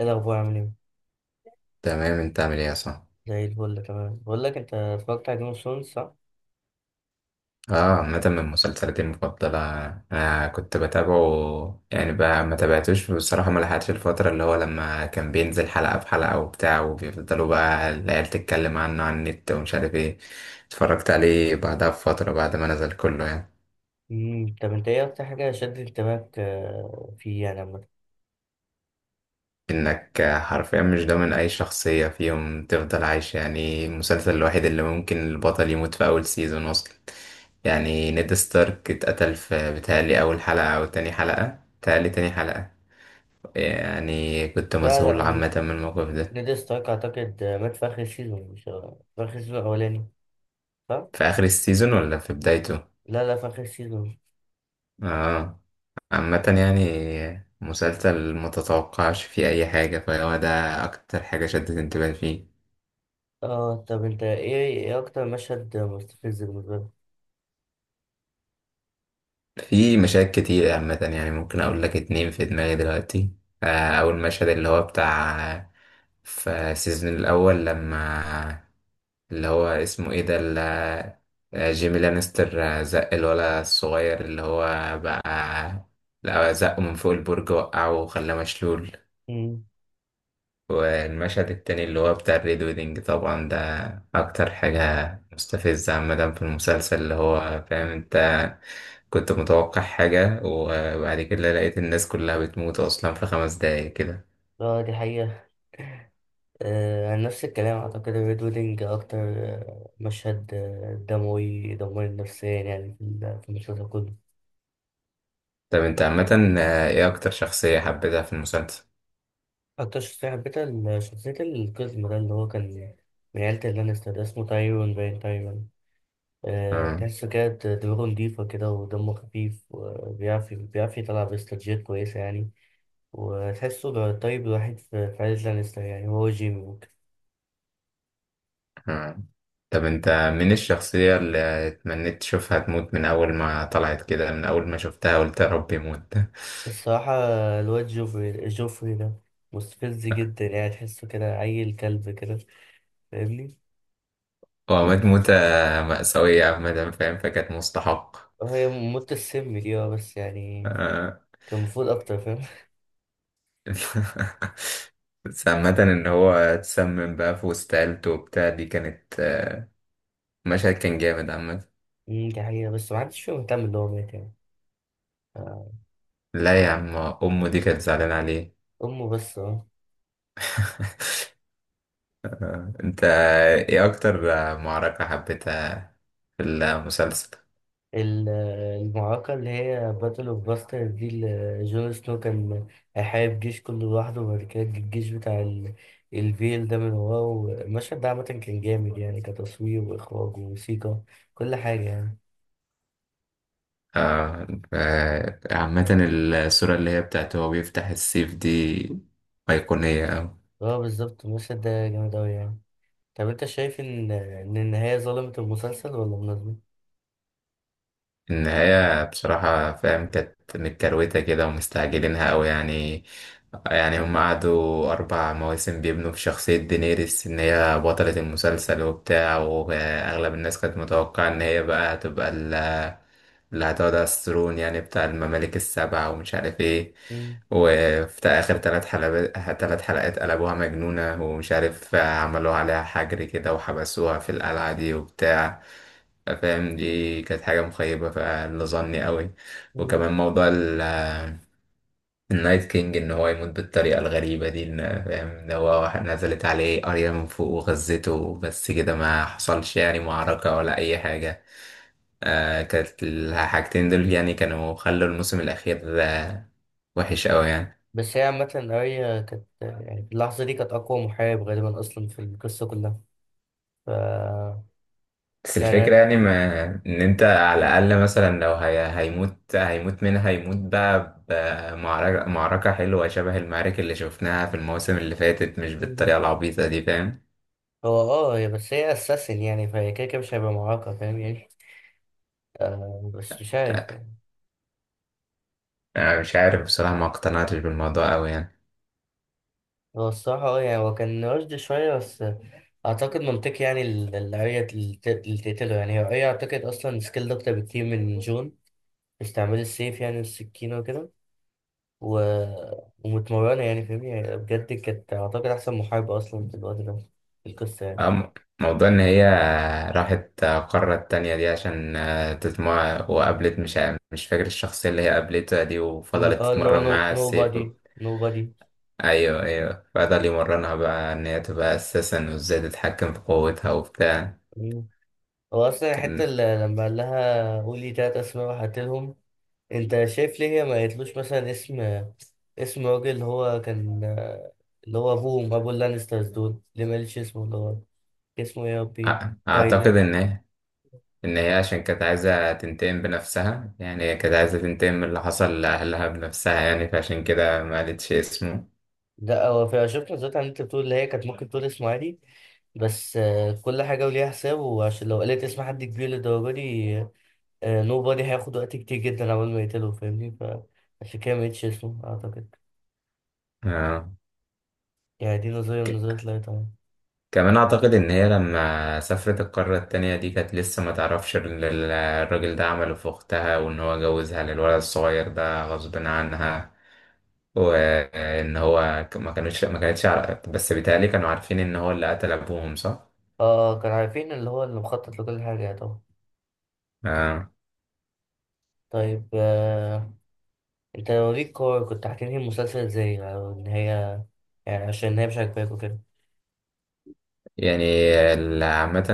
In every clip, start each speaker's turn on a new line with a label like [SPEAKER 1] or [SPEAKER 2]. [SPEAKER 1] ايه الاخبار، عامل ايه؟
[SPEAKER 2] تمام، انت عامل ايه يا صاحبي؟
[SPEAKER 1] زي الفل، تمام. بقول لك، انت اتفرجت على جيم اوف ثرونز صح؟
[SPEAKER 2] اه. عامة من مسلسلاتي المفضلة. انا كنت بتابعه يعني، بقى ما تابعتوش بصراحة، ما لحقتش الفترة اللي هو لما كان بينزل حلقة في حلقة وبتاع، وبيفضلوا بقى العيال تتكلم عنه على النت ومش عارف ايه. اتفرجت عليه بعدها بفترة بعد ما نزل كله يعني.
[SPEAKER 1] طب انت ايه اكتر حاجه شدت انتباهك، فيه يعني عامه؟
[SPEAKER 2] انك حرفيا مش ضامن اي شخصية فيهم تفضل عايشة. يعني المسلسل الوحيد اللي ممكن البطل يموت في اول سيزون اصلا. يعني نيد ستارك اتقتل في بتهيألي أول حلقة أو تاني حلقة، بتهيألي تاني حلقة. يعني كنت
[SPEAKER 1] لا لا،
[SPEAKER 2] مذهول عامة من الموقف ده.
[SPEAKER 1] نيد ستارك اعتقد مات في اخر السيزون، مش في اخر السيزون الاولاني صح؟
[SPEAKER 2] في آخر السيزون ولا في بدايته؟
[SPEAKER 1] لا لا، في اخر السيزون.
[SPEAKER 2] اه. عامة يعني، مسلسل ما تتوقعش فيه أي حاجة فهو ده. أكتر حاجة شدت انتباهي فيه.
[SPEAKER 1] اه، طب انت، ايه اكتر مشهد مستفز بالنسبه لك؟
[SPEAKER 2] في مشاهد كتير عامة يعني، ممكن أقول لك اتنين في دماغي دلوقتي. آه، أول مشهد اللي هو بتاع في السيزون الأول لما اللي هو اسمه ايه ده جيمي لانستر، زق الولا الصغير اللي هو بقى، لا زقه من فوق البرج، وقعه وخلاه مشلول.
[SPEAKER 1] امم.
[SPEAKER 2] والمشهد التاني اللي هو بتاع الريد ويدنج، طبعا ده أكتر حاجة مستفزة عامة في المسلسل، اللي هو فاهم انت كنت متوقع حاجة وبعد كده لقيت الناس كلها بتموت أصلا في 5 دقايق كده.
[SPEAKER 1] اه، دي حقيقه. آه، عن نفس الكلام اعتقد الريد ويدنج اكتر مشهد دموي، دموي نفسيا يعني في في المسلسل كله.
[SPEAKER 2] طب انت عامة ايه أكتر شخصية حبيتها في المسلسل؟
[SPEAKER 1] أكتر شخصية حبيتها شخصية القزم ده، اللي هو كان من عيلة اللانستر، ده اسمه تايرون باين، تايرون. أه،
[SPEAKER 2] آه.
[SPEAKER 1] تحسه كده دماغه نضيفة كده، ودمه خفيف، وبيعرف يطلع باستراتيجيات كويسة يعني. وتحسه ده الطيب الوحيد في عيلة لانستر، يعني هو جيمي ممكن.
[SPEAKER 2] آه. طب انت، من الشخصية اللي اتمنيت تشوفها تموت من أول ما طلعت كده، من أول ما شفتها قلت يا رب يموت؟
[SPEAKER 1] الصراحة، الواد جوفري، ده مستفز جدا، يعني تحسه كده عيل كلب كده، فاهمني؟
[SPEAKER 2] هو مات موتة مأساوية عامة فاهم، فكانت مستحق.
[SPEAKER 1] هي موت السم دي اه، بس يعني
[SPEAKER 2] آه.
[SPEAKER 1] كان المفروض أكتر، فاهم.
[SPEAKER 2] بس عامة إن هو اتسمم بقى في وسط عيلته وبتاع، دي كانت مشهد كان جامد عامة.
[SPEAKER 1] دي حقيقة، بس محدش فيهم مهتم اللي هو مات يعني.
[SPEAKER 2] لا يا عم، أمه دي كانت زعلانة عليه.
[SPEAKER 1] أمه بس، اه.
[SPEAKER 2] انت ايه أكتر معركة حبيتها في المسلسل؟
[SPEAKER 1] ال- المعركة اللي هي باتل اوف باستر دي، اللي جون سنو كان هيحارب جيش كله لوحده، وبعد كده جه الجيش بتاع الفيل ده من وراه، المشهد ده عامة كان جامد يعني، كتصوير وإخراج وموسيقى، كل حاجة يعني.
[SPEAKER 2] عامة، الصورة اللي هي بتاعت هو بيفتح السيف دي أيقونية أوي.
[SPEAKER 1] اه بالظبط، المشهد ده جامد أوي يعني. طب أنت شايف إن النهاية ظلمت المسلسل ولا مناسبة؟
[SPEAKER 2] النهاية بصراحة فاهم كانت متكروتة كده، ومستعجلينها أوي يعني. يعني هم قعدوا 4 مواسم بيبنوا في شخصية دينيريس، إن هي بطلة المسلسل وبتاع، وأغلب الناس كانت متوقعة إن هي بقى هتبقى اللي هتقعد على الثرون، يعني بتاع الممالك السبع، ومش عارف ايه.
[SPEAKER 1] مم.
[SPEAKER 2] وفي آخر ثلاث حلقات قلبوها مجنونة، ومش عارف عملوا عليها حجر كده وحبسوها في القلعة دي وبتاع. فاهم، دي كانت حاجة مخيبة فاللي ظني قوي.
[SPEAKER 1] مم.
[SPEAKER 2] وكمان موضوع النايت كينج ان هو يموت بالطريقة الغريبة دي، فاهم ده هو واحد نزلت عليه قرية من فوق وغزته، بس كده ما حصلش يعني معركة ولا اي حاجة. آه كانت الحاجتين دول يعني كانوا خلوا الموسم الأخير وحش أوي يعني.
[SPEAKER 1] بس هي عامة، أريا كانت يعني في اللحظة دي كانت أقوى محارب غالبا أصلا في القصة كلها. ف
[SPEAKER 2] بس الفكرة
[SPEAKER 1] يعني
[SPEAKER 2] يعني، ما إن أنت على الأقل مثلا لو هي هيموت منها، هيموت بقى بمعركة، معركة حلوة شبه المعارك اللي شفناها في المواسم اللي فاتت، مش بالطريقة العبيطة دي فاهم.
[SPEAKER 1] هو اه هي، بس هي اساسن يعني، فهي كده كده مش هيبقى معاقة فاهم يعني. آه بس مش عارف يعني.
[SPEAKER 2] آه مش عارف بصراحة، ما اقتنعتش بالموضوع أوي يعني.
[SPEAKER 1] هو الصراحة اه، يعني هو كان رشد شوية، بس اعتقد منطقي، يعني الاريا اللي اللي تقتله. يعني هي اريا اعتقد اصلا سكيل اكتر بكتير من جون في استعمال السيف يعني والسكينة وكده. و... ومتمرنة يعني، فاهم يعني، بجد كانت اعتقد احسن محاربة اصلا في الوقت ده في القصة يعني.
[SPEAKER 2] أم- موضوع إن هي راحت قارة تانية دي عشان تتمرن، وقابلت مش فاكر الشخصية اللي هي قابلتها دي، وفضلت
[SPEAKER 1] اه، اللي هو
[SPEAKER 2] تتمرن معاها
[SPEAKER 1] نو
[SPEAKER 2] السيف
[SPEAKER 1] بادي، نو بادي.
[SPEAKER 2] أيوه، أيوه، فضل يمرنها بقى إن هي تبقى أساسا وإزاي تتحكم في قوتها وبتاع.
[SPEAKER 1] هو اصلا الحتة
[SPEAKER 2] كان
[SPEAKER 1] اللي لما قال لها قولي تلات اسماء وهقتلهم، انت شايف ليه هي ما قالتلوش مثلا اسم، راجل اللي هو كان، اللي هو ابوهم، ابو اللانسترز دول، ليه ما قالتش اسمه، اللي هو اسمه ايه يا
[SPEAKER 2] أ-
[SPEAKER 1] ربي؟
[SPEAKER 2] أعتقد
[SPEAKER 1] تايلر.
[SPEAKER 2] إن هي عشان كانت عايزة تنتقم بنفسها، يعني هي كانت عايزة تنتقم من اللي حصل لأهلها بنفسها، يعني فعشان كده ما قالتش اسمه.
[SPEAKER 1] لا هو في، شفت نزلت، عن انت بتقول اللي هي كانت ممكن تقول اسمه عادي، بس كل حاجه وليها حساب، وعشان لو قالت اسم حد كبير للدرجه دي، نو بادي هياخد وقت كتير جدا عبال ما يقتله فاهمني؟ فعشان كده ما قالتش اسمه اعتقد.
[SPEAKER 2] آه.
[SPEAKER 1] يعني دي نظريه من نظريات، لا طبعا.
[SPEAKER 2] كمان أعتقد إن هي لما سافرت القارة التانية دي كانت لسه ما تعرفش الراجل ده عمله في أختها، وإن هو جوزها للولد الصغير ده غصب عنها، وإن هو ما كانتش عارفة، بس بيتهيألي كانوا عارفين إن هو اللي قتل أبوهم صح؟
[SPEAKER 1] اه، كانوا عارفين اللي هو اللي مخطط لكل حاجه، يعني طبعا.
[SPEAKER 2] آه.
[SPEAKER 1] طيب، انت لو ليك كور، كنت هتنهي المسلسل ازاي، او ان هي، يعني عشان هي مش عاجباك وكده.
[SPEAKER 2] يعني عامة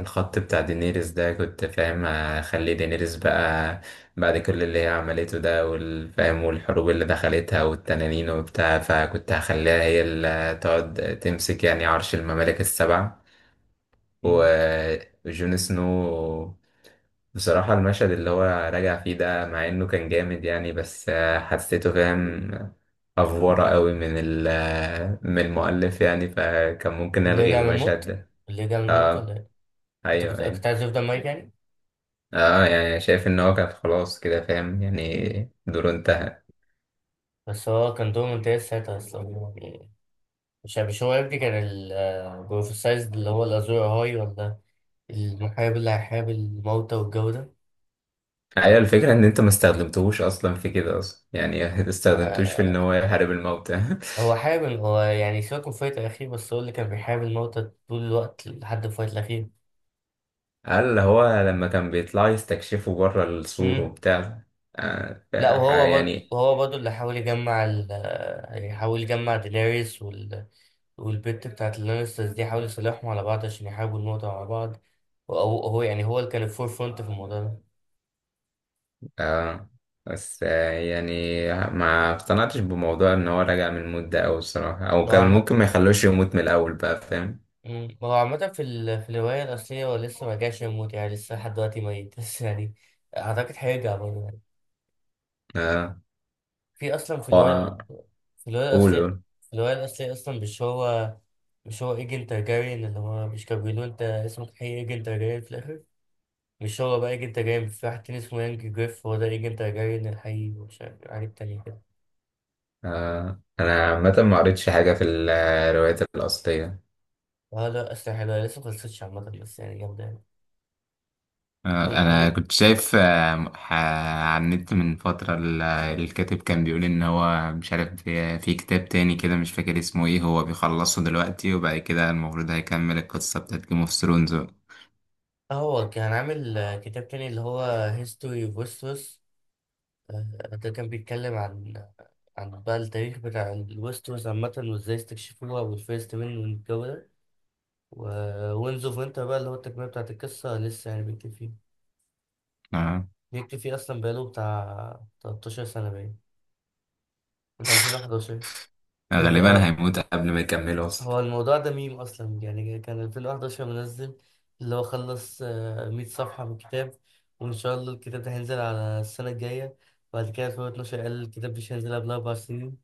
[SPEAKER 2] الخط بتاع دينيريس ده، كنت فاهم اخلي دينيريس بقى بعد كل اللي هي عملته ده والفاهم والحروب اللي دخلتها والتنانين وبتاع، فكنت هخليها هي اللي تقعد تمسك يعني عرش الممالك السبع.
[SPEAKER 1] مم.
[SPEAKER 2] و- وجون سنو بصراحة، المشهد اللي هو راجع فيه ده، مع انه كان جامد يعني، بس حسيته فاهم افورة قوي من المؤلف، يعني فكان ممكن
[SPEAKER 1] اللي
[SPEAKER 2] الغي
[SPEAKER 1] يرجع من
[SPEAKER 2] المشهد
[SPEAKER 1] الموت،
[SPEAKER 2] ده.
[SPEAKER 1] ولا
[SPEAKER 2] اه،
[SPEAKER 1] ايه؟ انت
[SPEAKER 2] ايوه،
[SPEAKER 1] كنت
[SPEAKER 2] ايوه.
[SPEAKER 1] عايز يفضل ميت يعني؟
[SPEAKER 2] اه، يعني شايف ان هو كان خلاص كده فاهم، يعني دوره انتهى.
[SPEAKER 1] بس هو كان دوره ممتاز ساعتها اصلا يعني. مش هو ابني كان البروفيسايز، اللي هو الازور هاي، ولا المحارب اللي هيحارب الموتى والجو ده؟
[SPEAKER 2] ايوه، الفكره ان انت ما استخدمتهوش اصلا في كده اصلا يعني ما استخدمتوش في
[SPEAKER 1] آه،
[SPEAKER 2] ان هو يحارب الموتى.
[SPEAKER 1] هو حارب، هو يعني سيبك من الفايت الاخير، بس هو اللي كان بيحارب الموتى طول الوقت لحد الفايت الاخير.
[SPEAKER 2] قال هو لما كان بيطلع يستكشفوا بره السور وبتاع. آه ف-
[SPEAKER 1] لا وهو برضه،
[SPEAKER 2] يعني،
[SPEAKER 1] اللي حاول يجمع ال يحاول يجمع دينيريس والبت بتاعت اللانسترز دي، حاول يصالحهم على بعض عشان يحاربوا الموضوع مع بعض. وهو يعني هو اللي كان الفور فرونت في الموضوع ده.
[SPEAKER 2] اه بس يعني ما اقتنعتش بموضوع ان هو رجع من الموت ده، او الصراحه او
[SPEAKER 1] هو
[SPEAKER 2] كان
[SPEAKER 1] عامة.
[SPEAKER 2] ممكن ما يخلوش يموت من الاول بقى فاهم.
[SPEAKER 1] هو عامة في في الرواية الأصلية، هو لسه ما جاش يموت يعني، لسه لحد دلوقتي ميت، بس يعني أعتقد هيرجع برضه يعني
[SPEAKER 2] اه،
[SPEAKER 1] في، أصلا في الرواية.
[SPEAKER 2] هو-
[SPEAKER 1] في الرواية
[SPEAKER 2] قول
[SPEAKER 1] الأصلية
[SPEAKER 2] قول.
[SPEAKER 1] في الرواية الأصلية أصلا مش هو إيجن تارجاريان، اللي هو مش كان بيقولوا أنت اسمك حقيقي إيجن تارجاريان في الآخر؟ مش هو بقى ايجنت جاي، في واحد تاني اسمه يانج جريف، هو ده ايجنت جاي من الحقيقي، ومش عارف عليه التاني كده.
[SPEAKER 2] آه. أنا عامة ما قريتش حاجة في الروايات الأصلية.
[SPEAKER 1] اه لا، اسلحة حلوة، لسه مخلصتش عامة، بس يعني جامدة يعني. و-
[SPEAKER 2] انا
[SPEAKER 1] و-
[SPEAKER 2] كنت شايف على النت من فترة، الكاتب كان بيقول ان هو مش عارف، في كتاب تاني كده مش فاكر اسمه ايه، هو بيخلصه دلوقتي وبعد كده المفروض هيكمل القصة بتاعت جيم اوف ثرونز.
[SPEAKER 1] هو كان عامل كتاب تاني اللي هو هيستوري اوف ويستروس، ده كان بيتكلم عن بقى التاريخ بتاع الويستروس عامة، وازاي استكشفوها، والفيرست مان والجو ده. ووينز اوف وينتر بقى، اللي هو التكملة بتاعت القصة، لسه يعني بيكتب فيه، أصلا بقاله بتاع 13 سنة باين، من 2011. ده
[SPEAKER 2] غالبا
[SPEAKER 1] بجد؟
[SPEAKER 2] هيموت قبل ما يكمله اصلا.
[SPEAKER 1] هو الموضوع ده ميم اصلا، يعني كان 2011 منزل اللي هو خلص 100 صفحة من الكتاب، وان شاء الله الكتاب ده هينزل على السنة الجاية. بعد كده 2012 قال الكتاب مش هينزل قبل 4 سنين.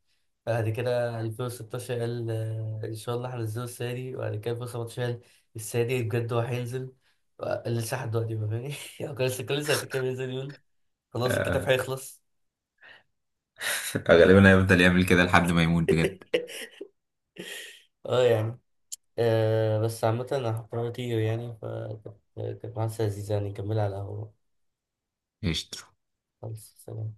[SPEAKER 1] بعد كده 2016 قال، ان شاء الله هنزله السنة دي. وبعد كده 2017 قال السنة دي بجد هو هينزل. لسه لحد دلوقتي، ما فاهمني. هو كان لسه كل سنتين كده بينزل يقول خلاص الكتاب
[SPEAKER 2] آه.
[SPEAKER 1] هيخلص.
[SPEAKER 2] غالبا هيفضل يعمل كده لحد ما يموت بجد.
[SPEAKER 1] اه يعني، آه بس عامة، أنا هضطر أطير يعني. كانت محادثة لذيذة، يعني نكملها على القهوة.
[SPEAKER 2] قشطة.
[SPEAKER 1] خلاص، سلام.